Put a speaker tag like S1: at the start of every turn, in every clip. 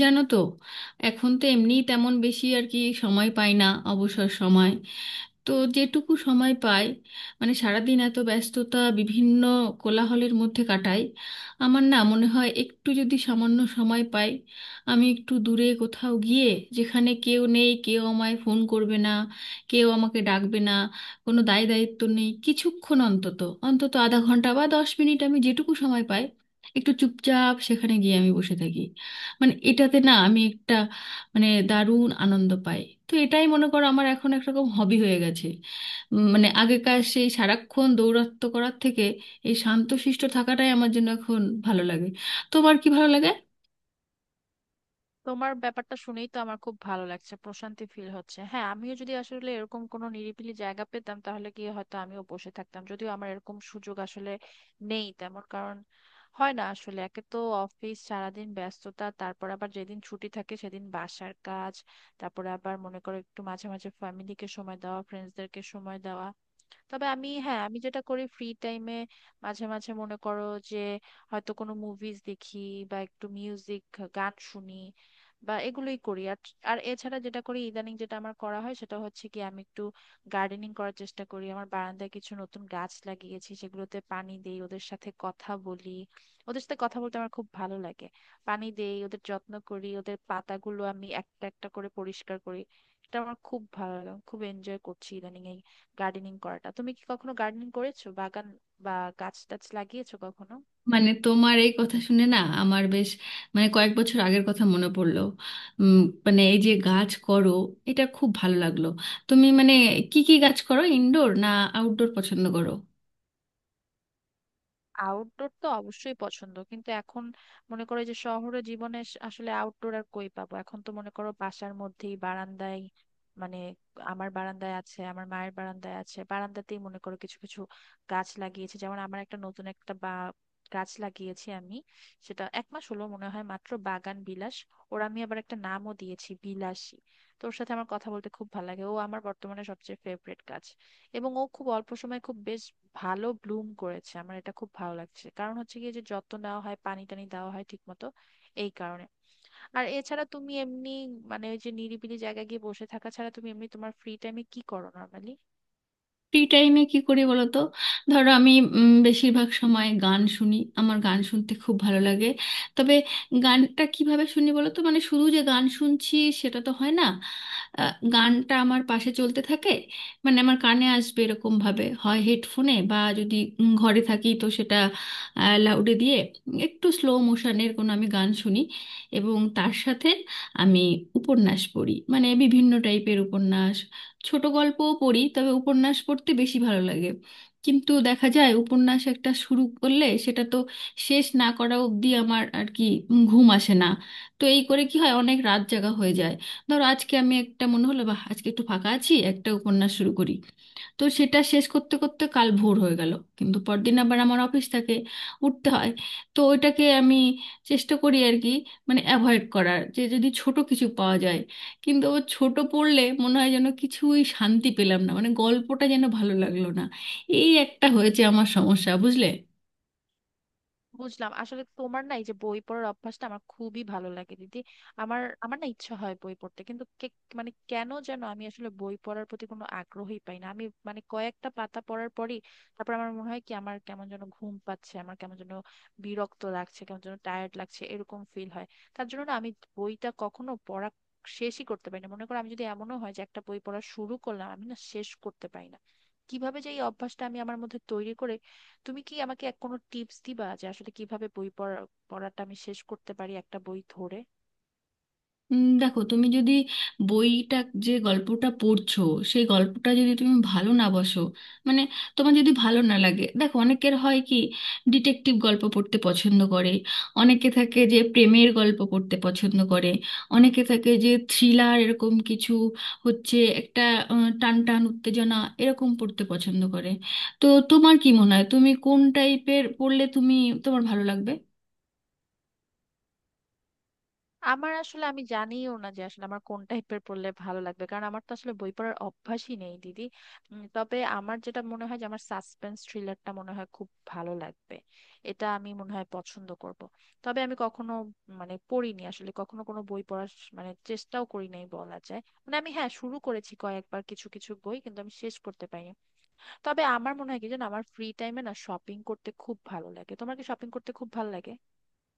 S1: জানো তো। এখন তো এমনি তেমন বেশি আর কি সময় পাই না। অবসর সময়, তো যেটুকু সময় পাই, মানে সারাদিন এত ব্যস্ততা, বিভিন্ন কোলাহলের মধ্যে কাটাই। আমার না মনে হয়, একটু যদি সামান্য সময় পাই, আমি একটু দূরে কোথাও গিয়ে, যেখানে কেউ নেই, কেউ আমায় ফোন করবে না, কেউ আমাকে ডাকবে না, কোনো দায় দায়িত্ব নেই, কিছুক্ষণ অন্তত অন্তত আধা ঘন্টা বা 10 মিনিট আমি যেটুকু সময় পাই, একটু চুপচাপ সেখানে গিয়ে আমি বসে থাকি। মানে এটাতে না আমি একটা, মানে দারুণ আনন্দ পাই। তো এটাই মনে করো আমার এখন একরকম হবি হয়ে গেছে। মানে আগেকার সেই সারাক্ষণ দৌরাত্ম্য করার থেকে এই শান্তশিষ্ট থাকাটাই আমার জন্য এখন ভালো লাগে। তোমার কি ভালো লাগে?
S2: তোমার ব্যাপারটা শুনেই তো আমার খুব ভালো লাগছে, প্রশান্তি ফিল হচ্ছে। হ্যাঁ, আমিও যদি আসলে এরকম কোনো নিরিবিলি জায়গা পেতাম, তাহলে কি হয়তো আমিও বসে থাকতাম। যদিও আমার এরকম সুযোগ আসলে নেই তেমন, কারণ হয় না আসলে। একে তো অফিস সারাদিন ব্যস্ততা, তারপর আবার যেদিন ছুটি থাকে সেদিন বাসার কাজ, তারপরে আবার মনে করো একটু মাঝে মাঝে ফ্যামিলিকে সময় দেওয়া, ফ্রেন্ডসদেরকে সময় দেওয়া। তবে আমি, হ্যাঁ, আমি যেটা করি ফ্রি টাইমে, মাঝে মাঝে মনে করো যে হয়তো কোনো মুভিজ দেখি বা একটু মিউজিক, গান শুনি, বা এগুলোই করি। আর আর এছাড়া যেটা করি ইদানিং, যেটা আমার করা হয়, সেটা হচ্ছে কি আমি একটু গার্ডেনিং করার চেষ্টা করি। আমার বারান্দায় কিছু নতুন গাছ লাগিয়েছি, সেগুলোতে পানি দেই, ওদের সাথে কথা বলি। ওদের সাথে কথা বলতে আমার খুব ভালো লাগে। পানি দেই, ওদের যত্ন করি, ওদের পাতাগুলো আমি একটা একটা করে পরিষ্কার করি। এটা আমার খুব ভালো লাগে, আমি খুব এনজয় করছি ইদানিং গার্ডেনিং করাটা। তুমি কি কখনো গার্ডেনিং করেছো, বাগান বা গাছ টাছ লাগিয়েছো কখনো?
S1: মানে তোমার এই কথা শুনে না আমার বেশ, মানে কয়েক বছর আগের কথা মনে পড়লো। উম, মানে এই যে গাছ করো, এটা খুব ভালো লাগলো। তুমি মানে কি কি গাছ করো? ইনডোর না আউটডোর পছন্দ করো?
S2: আউটডোর তো অবশ্যই পছন্দ, কিন্তু এখন মনে করো যে শহরে জীবনে আসলে আউটডোর আর কই পাবো? এখন তো মনে করো বাসার মধ্যেই, বারান্দায়। মানে আমার বারান্দায় আছে, আমার মায়ের বারান্দায় আছে, বারান্দাতেই মনে করো কিছু কিছু গাছ লাগিয়েছি। যেমন আমার একটা নতুন একটা বা গাছ লাগিয়েছি আমি, সেটা এক মাস হলো মনে হয় মাত্র, বাগান বিলাস। ওর আমি আবার একটা নামও দিয়েছি, বিলাসী। তো ওর সাথে আমার কথা বলতে খুব ভালো লাগে, ও আমার বর্তমানে সবচেয়ে ফেভারিট গাছ। এবং ও খুব অল্প সময়ে খুব বেশ ভালো ব্লুম করেছে, আমার এটা খুব ভালো লাগছে। কারণ হচ্ছে গিয়ে যে যত্ন নেওয়া হয়, পানি টানি দেওয়া হয় ঠিক মতো, এই কারণে। আর এছাড়া তুমি এমনি, মানে ওই যে নিরিবিলি জায়গায় গিয়ে বসে থাকা ছাড়া তুমি এমনি তোমার ফ্রি টাইমে কি করো নর্মালি?
S1: ফ্রি টাইমে কি করি বলো তো। ধরো আমি, বেশিরভাগ সময় গান শুনি, আমার গান শুনতে খুব ভালো লাগে। তবে গানটা কিভাবে শুনি বলো তো, মানে শুধু যে গান শুনছি সেটা তো হয় না। গানটা আমার পাশে চলতে থাকে, মানে আমার কানে আসবে এরকম ভাবে, হয় হেডফোনে বা যদি ঘরে থাকি তো সেটা লাউডে দিয়ে একটু স্লো মোশনের কোনো আমি গান শুনি। এবং তার সাথে আমি উপন্যাস পড়ি, মানে বিভিন্ন টাইপের উপন্যাস। ছোট গল্পও পড়ি, তবে উপন্যাস পড়তে বেশি ভালো লাগে। কিন্তু দেখা যায় উপন্যাস একটা শুরু করলে সেটা তো শেষ না করা অবধি আমার আর কি ঘুম আসে না। তো এই করে কি হয়, অনেক রাত জাগা হয়ে যায়। ধরো আজকে আমি একটা মনে হলো বা আজকে একটু ফাঁকা আছি, একটা উপন্যাস শুরু করি, তো সেটা শেষ করতে করতে কাল ভোর হয়ে গেল। কিন্তু পরদিন আবার আমার অফিস থাকে, উঠতে হয়। তো ওইটাকে আমি চেষ্টা করি আর কি, মানে অ্যাভয়েড করার, যে যদি ছোট কিছু পাওয়া যায়। কিন্তু ও ছোট পড়লে মনে হয় যেন কিছুই শান্তি পেলাম না, মানে গল্পটা যেন ভালো লাগলো না। এই একটা হয়েছে আমার সমস্যা, বুঝলে।
S2: বুঝলাম। আসলে তোমার না এই যে বই পড়ার অভ্যাসটা, আমার খুবই ভালো লাগে দিদি। আমার আমার না ইচ্ছা হয় বই পড়তে, কিন্তু মানে কেন যেন আমি আসলে বই পড়ার প্রতি কোনো আগ্রহই পাই না আমি। মানে কয়েকটা পাতা পড়ার পরই তারপর আমার মনে হয় কি, আমার কেমন যেন ঘুম পাচ্ছে, আমার কেমন যেন বিরক্ত লাগছে, কেমন যেন টায়ার্ড লাগছে, এরকম ফিল হয়। তার জন্য না আমি বইটা কখনো পড়া শেষই করতে পারি না। মনে করো আমি, যদি এমনও হয় যে একটা বই পড়া শুরু করলাম, আমি না শেষ করতে পারি না। কিভাবে যে এই অভ্যাসটা আমি আমার মধ্যে তৈরি করে, তুমি কি আমাকে এক কোনো টিপস দিবা যে আসলে কিভাবে বই পড়া, পড়াটা আমি শেষ করতে পারি একটা বই ধরে?
S1: দেখো তুমি যদি বইটা, যে গল্পটা পড়ছো, সেই গল্পটা যদি তুমি ভালো না বসো, মানে তোমার যদি ভালো না লাগে, দেখো অনেকের হয় কি ডিটেকটিভ গল্প পড়তে পছন্দ করে। অনেকে থাকে যে প্রেমের গল্প পড়তে পছন্দ করে। অনেকে থাকে যে থ্রিলার এরকম কিছু, হচ্ছে একটা টান টান উত্তেজনা, এরকম পড়তে পছন্দ করে। তো তোমার কি মনে হয় তুমি কোন টাইপের পড়লে তুমি, তোমার ভালো লাগবে?
S2: আমার আসলে, আমি জানিও না যে আসলে আমার কোন টাইপের পড়লে ভালো লাগবে, কারণ আমার তো আসলে বই পড়ার অভ্যাসই নেই দিদি। তবে আমার যেটা মনে হয় যে আমার সাসপেন্স থ্রিলারটা মনে হয় খুব ভালো লাগবে, এটা আমি মনে হয় পছন্দ করব। তবে আমি কখনো, মানে পড়িনি আসলে, কখনো কোনো বই পড়ার মানে চেষ্টাও করি নাই বলা যায়। মানে আমি, হ্যাঁ, শুরু করেছি কয়েকবার কিছু কিছু বই, কিন্তু আমি শেষ করতে পারিনি। তবে আমার মনে হয় কি জানো, আমার ফ্রি টাইমে না শপিং করতে খুব ভালো লাগে। তোমার কি শপিং করতে খুব ভালো লাগে?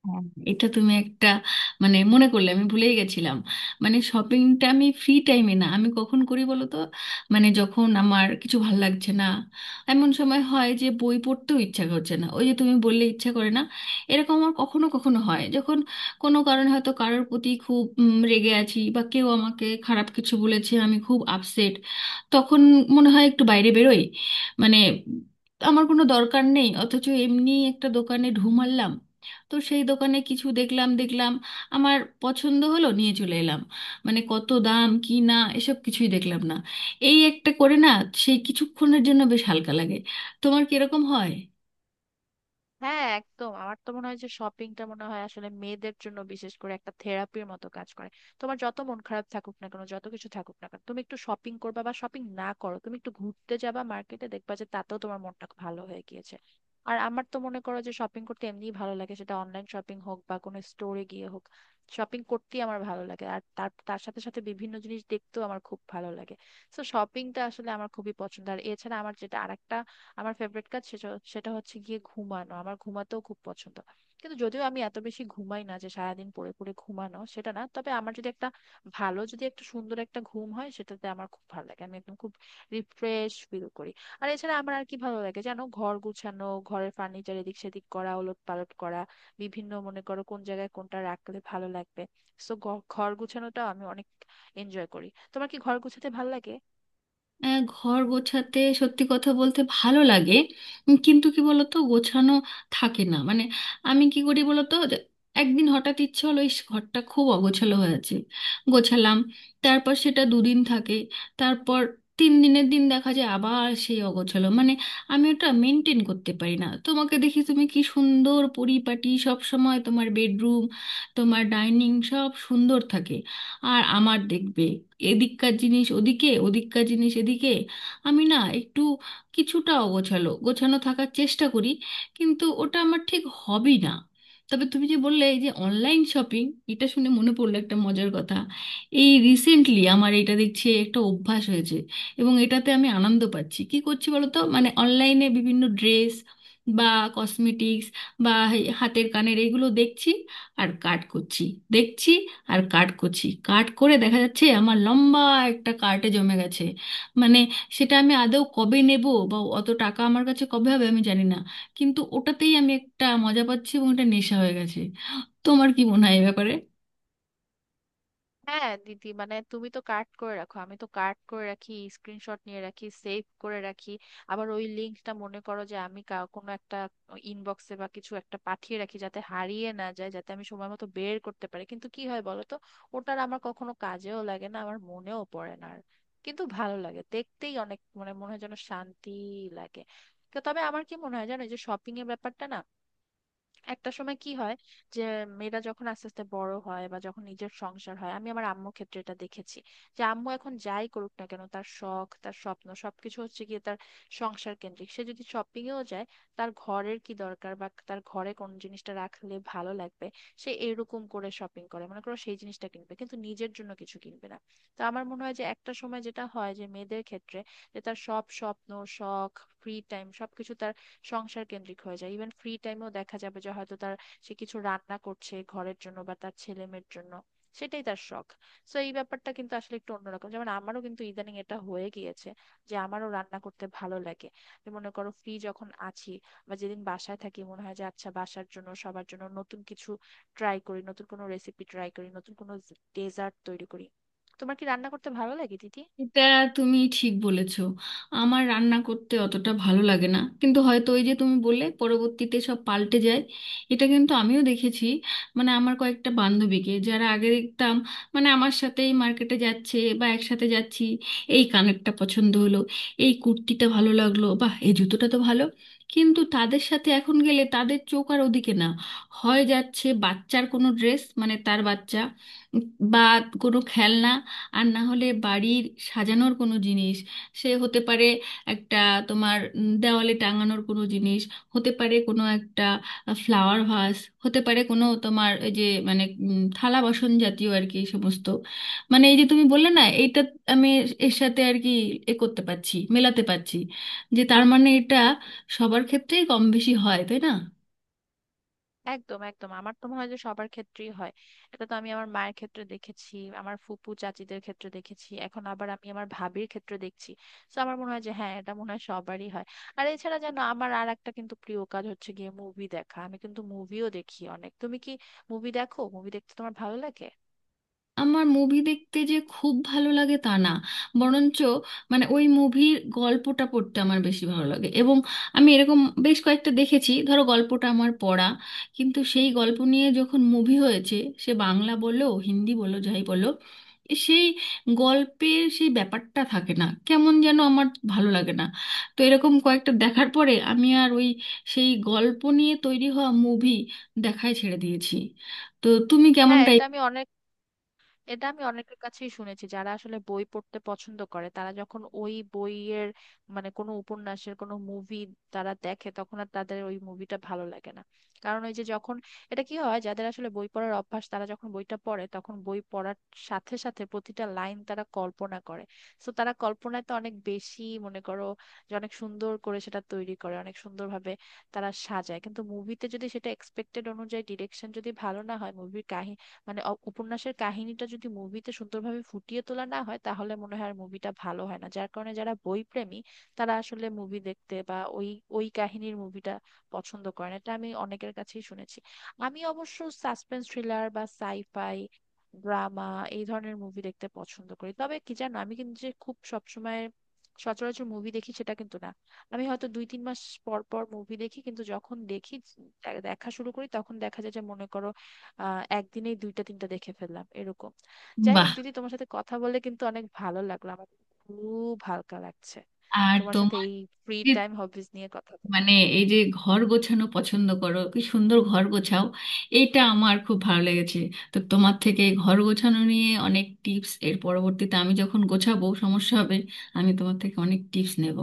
S1: হ্যাঁ, এটা তুমি একটা, মানে মনে করলে আমি ভুলেই গেছিলাম। মানে শপিংটা আমি ফ্রি টাইমে না, আমি কখন করি বলো তো, মানে যখন আমার কিছু ভালো লাগছে না। এমন সময় হয় যে বই পড়তেও ইচ্ছা করছে না, ওই যে তুমি বললে ইচ্ছা করে না, এরকম আমার কখনো কখনো হয়, যখন কোনো কারণে হয়তো কারোর প্রতি খুব রেগে আছি, বা কেউ আমাকে খারাপ কিছু বলেছে, আমি খুব আপসেট। তখন মনে হয় একটু বাইরে বেরোই, মানে আমার কোনো দরকার নেই অথচ এমনি একটা দোকানে ঢু মারলাম। তো সেই দোকানে কিছু দেখলাম দেখলাম, আমার পছন্দ হলো, নিয়ে চলে এলাম। মানে কত দাম কি না এসব কিছুই দেখলাম না। এই একটা করে না, সেই কিছুক্ষণের জন্য বেশ হালকা লাগে। তোমার কিরকম হয়?
S2: হ্যাঁ, একদম। আমার তো মনে হয় যে শপিংটা মনে হয় আসলে মেয়েদের জন্য বিশেষ করে একটা থেরাপির মতো কাজ করে। তোমার যত মন খারাপ থাকুক না কেন, যত কিছু থাকুক না কেন, তুমি একটু শপিং করবা, বা শপিং না করো তুমি একটু ঘুরতে যাবা মার্কেটে, দেখবা যে তাতেও তোমার মনটা ভালো হয়ে গিয়েছে। আর আমার তো মনে করো যে শপিং করতে এমনিই ভালো লাগে, সেটা অনলাইন শপিং হোক বা কোনো স্টোরে গিয়ে হোক, শপিং করতেই আমার ভালো লাগে। আর তার তার সাথে সাথে বিভিন্ন জিনিস দেখতেও আমার খুব ভালো লাগে। তো শপিংটা আসলে আমার খুবই পছন্দ। আর এছাড়া আমার যেটা আরেকটা আমার ফেভারিট কাজ সেটা সেটা হচ্ছে গিয়ে ঘুমানো। আমার ঘুমাতেও খুব পছন্দ, কিন্তু যদিও আমি এত বেশি ঘুমাই না যে সারাদিন পড়ে পড়ে ঘুমানো, সেটা না। তবে আমার যদি একটা ভালো, যদি একটা সুন্দর একটা ঘুম হয়, সেটাতে আমার খুব ভালো লাগে, আমি একদম খুব রিফ্রেশ ফিল করি। আর এছাড়া আমার আর কি ভালো লাগে জানো, ঘর গুছানো, ঘরের ফার্নিচার এদিক সেদিক করা, ওলট পালট করা, বিভিন্ন মনে করো কোন জায়গায় কোনটা রাখলে ভালো লাগবে। সো ঘর গুছানোটা আমি অনেক এনজয় করি। তোমার কি ঘর গুছাতে ভালো লাগে?
S1: ঘর গোছাতে সত্যি কথা বলতে ভালো লাগে, কিন্তু কি বলতো, গোছানো থাকে না। মানে আমি কি করি বলতো যে একদিন হঠাৎ ইচ্ছে হলো ইস, ঘরটা খুব অগোছালো হয়ে আছে, গোছালাম। তারপর সেটা দুদিন থাকে, তারপর তিন দিনের দিন দেখা যায় আবার সেই অগোছালো, মানে আমি ওটা মেনটেন করতে পারি না। তোমাকে দেখি তুমি কি সুন্দর পরিপাটি, সব সময় তোমার বেডরুম, তোমার ডাইনিং সব সুন্দর থাকে। আর আমার দেখবে এদিককার জিনিস ওদিকে, ওদিককার জিনিস এদিকে। আমি না একটু কিছুটা অগোছালো, গোছানো থাকার চেষ্টা করি কিন্তু ওটা আমার ঠিক হবই না। তবে তুমি যে বললে এই যে অনলাইন শপিং, এটা শুনে মনে পড়লো একটা মজার কথা। এই রিসেন্টলি আমার এটা দেখছি একটা অভ্যাস হয়েছে এবং এটাতে আমি আনন্দ পাচ্ছি। কি করছি বলো তো, মানে অনলাইনে বিভিন্ন ড্রেস বা কসমেটিক্স বা এই হাতের কানের এগুলো দেখছি আর কাট করছি। দেখছি আর কাট করছি, কাট করে দেখা যাচ্ছে আমার লম্বা একটা কার্টে জমে গেছে। মানে সেটা আমি আদৌ কবে নেব, বা অত টাকা আমার কাছে কবে হবে আমি জানি না। কিন্তু ওটাতেই আমি একটা মজা পাচ্ছি এবং এটা নেশা হয়ে গেছে। তোমার কি মনে হয় এ ব্যাপারে?
S2: হ্যাঁ দিদি, মানে তুমি তো কার্ড করে রাখো, আমি তো কার্ড করে রাখি, স্ক্রিনশট নিয়ে রাখি, সেভ করে রাখি। আবার ওই লিঙ্কটা মনে করো যে আমি কোনো একটা ইনবক্সে বা কিছু একটা পাঠিয়ে রাখি, যাতে হারিয়ে না যায়, যাতে আমি সময় মতো বের করতে পারি। কিন্তু কি হয় বলো তো, ওটার আমার কখনো কাজেও লাগে না, আমার মনেও পড়ে না আর। কিন্তু ভালো লাগে দেখতেই অনেক, মানে মনে হয় যেন শান্তি লাগে। তো তবে আমার কি মনে হয় জানো, এই যে শপিং এর ব্যাপারটা না, একটা সময় কি হয় যে মেয়েরা যখন আস্তে আস্তে বড় হয়, বা যখন নিজের সংসার হয়, আমি আমার আম্মু ক্ষেত্রে এটা দেখেছি যে আম্মু এখন যাই করুক না কেন, তার শখ, তার স্বপ্ন, সবকিছু হচ্ছে গিয়ে তার সংসার কেন্দ্রিক। সে যদি শপিং এও যায়, তার ঘরের কি দরকার বা তার ঘরে কোন জিনিসটা রাখলে ভালো লাগবে, সে এরকম করে শপিং করে, মনে করো সেই জিনিসটা কিনবে, কিন্তু নিজের জন্য কিছু কিনবে না। তো আমার মনে হয় যে একটা সময় যেটা হয় যে, মেয়েদের ক্ষেত্রে যে তার সব স্বপ্ন, শখ, ফ্রি টাইম, সবকিছু সংসার কেন্দ্রিক হয়ে যায়। ইভেন ফ্রি টাইমেও দেখা যাবে যে হয়তো তার, সে কিছু রান্না করছে ঘরের জন্য বা তার ছেলে মেয়ের জন্য, সেটাই তার শখ। সো এই ব্যাপারটা কিন্তু আসলে একটু অন্যরকম, যেমন আমারও কিন্তু ইদানিং এটা হয়ে গিয়েছে যে আমারও রান্না করতে ভালো লাগে। যে মনে করো ফ্রি যখন আছি বা যেদিন বাসায় থাকি, মনে হয় যে আচ্ছা বাসার জন্য, সবার জন্য নতুন কিছু ট্রাই করি, নতুন কোনো রেসিপি ট্রাই করি, নতুন কোনো ডেজার্ট তৈরি করি। তোমার কি রান্না করতে ভালো লাগে দিদি?
S1: এটা তুমি ঠিক বলেছো। আমার রান্না করতে অতটা ভালো লাগে না, কিন্তু হয়তো ওই যে তুমি বললে পরবর্তীতে সব পাল্টে যায়, এটা কিন্তু আমিও দেখেছি। মানে আমার কয়েকটা বান্ধবীকে যারা আগে দেখতাম, মানে আমার সাথেই মার্কেটে যাচ্ছে বা একসাথে যাচ্ছি, এই কানেরটা পছন্দ হলো, এই কুর্তিটা ভালো লাগলো, বা এই জুতোটা তো ভালো। কিন্তু তাদের সাথে এখন গেলে তাদের চোখ আর ওদিকে না, হয় যাচ্ছে বাচ্চার কোনো ড্রেস, মানে তার বাচ্চা, বা কোনো খেলনা, আর না হলে বাড়ির সাজানোর কোনো জিনিস। সে হতে পারে একটা তোমার দেওয়ালে টাঙানোর কোনো জিনিস, হতে পারে কোনো একটা ফ্লাওয়ার ভাস, হতে পারে কোনো তোমার ওই যে, মানে থালা বাসন জাতীয় আর কি, এই সমস্ত। মানে এই যে তুমি বললে না এইটা, আমি এর সাথে আর কি এ করতে পারছি, মেলাতে পারছি, যে তার মানে এটা সবার ক্ষেত্রেই কম বেশি হয়, তাই না?
S2: একদম একদম, আমার তো মনে হয় যে সবার ক্ষেত্রেই হয়। এটা তো আমি আমার মায়ের ক্ষেত্রে দেখেছি, আমার ফুপু চাচিদের ক্ষেত্রে দেখেছি, এখন আবার আমি আমার ভাবির ক্ষেত্রে দেখছি। তো আমার মনে হয় যে হ্যাঁ, এটা মনে হয় সবারই হয়। আর এছাড়া যেন আমার আর একটা কিন্তু প্রিয় কাজ হচ্ছে গিয়ে মুভি দেখা। আমি কিন্তু মুভিও দেখি অনেক, তুমি কি মুভি দেখো? মুভি দেখতে তোমার ভালো লাগে?
S1: আমার মুভি দেখতে যে খুব ভালো লাগে তা না, বরঞ্চ মানে ওই মুভির গল্পটা পড়তে আমার বেশি ভালো লাগে। এবং আমি এরকম বেশ কয়েকটা দেখেছি, ধরো গল্পটা আমার পড়া, কিন্তু সেই গল্প নিয়ে যখন মুভি হয়েছে, সে বাংলা বলো হিন্দি বলো যাই বলো, সেই গল্পের সেই ব্যাপারটা থাকে না, কেমন যেন আমার ভালো লাগে না। তো এরকম কয়েকটা দেখার পরে আমি আর ওই সেই গল্প নিয়ে তৈরি হওয়া মুভি দেখাই ছেড়ে দিয়েছি। তো তুমি
S2: হ্যাঁ,
S1: কেমনটা?
S2: এটা আমি অনেক, এটা আমি অনেকের কাছেই শুনেছি, যারা আসলে বই পড়তে পছন্দ করে, তারা যখন ওই বইয়ের মানে কোনো উপন্যাসের কোনো মুভি তারা দেখে, তখন আর তাদের ওই মুভিটা ভালো লাগে না। কারণ ওই যে যখন, এটা কি হয়, যাদের আসলে বই পড়ার অভ্যাস, তারা যখন বইটা পড়ে, তখন বই পড়ার সাথে সাথে প্রতিটা লাইন তারা কল্পনা করে। তো তারা কল্পনায় তো অনেক বেশি, মনে করো যে অনেক সুন্দর করে সেটা তৈরি করে, অনেক সুন্দরভাবে তারা সাজায়। কিন্তু মুভিতে যদি সেটা এক্সপেক্টেড অনুযায়ী ডিরেকশন যদি ভালো না হয়, মুভির কাহিনী, মানে উপন্যাসের কাহিনীটা যদি মুভিতে সুন্দরভাবে ফুটিয়ে তোলা না হয়, তাহলে মনে হয় আর মুভিটা ভালো হয় না। যার কারণে যারা বই প্রেমী, তারা আসলে মুভি দেখতে বা ওই ওই কাহিনীর মুভিটা পছন্দ করে না। এটা আমি অনেকের কাছেই শুনেছি। আমি অবশ্য সাসপেন্স থ্রিলার বা সাইফাই, ড্রামা, এই ধরনের মুভি দেখতে পছন্দ করি। তবে কি জানো, আমি কিন্তু যে খুব সবসময় সচরাচর মুভি দেখি সেটা কিন্তু না, আমি হয়তো 2-3 মাস পর পর মুভি দেখি। কিন্তু যখন দেখি, দেখা শুরু করি, তখন দেখা যায় যে মনে করো আহ, একদিনেই দুইটা তিনটা দেখে ফেললাম, এরকম। যাই
S1: বাহ।
S2: হোক দিদি, তোমার সাথে কথা বলে কিন্তু অনেক ভালো লাগলো আমার, খুব হালকা লাগছে।
S1: আর
S2: তোমার সাথে
S1: তোমার,
S2: এই ফ্রি
S1: যে
S2: টাইম হবিজ নিয়ে কথা বলে
S1: মানে এই যে ঘর গোছানো পছন্দ করো, কি সুন্দর ঘর গোছাও, এইটা আমার খুব ভালো লেগেছে। তো তোমার থেকে ঘর গোছানো নিয়ে অনেক টিপস, এর পরবর্তীতে আমি যখন গোছাবো সমস্যা হবে, আমি তোমার থেকে অনেক টিপস নেব।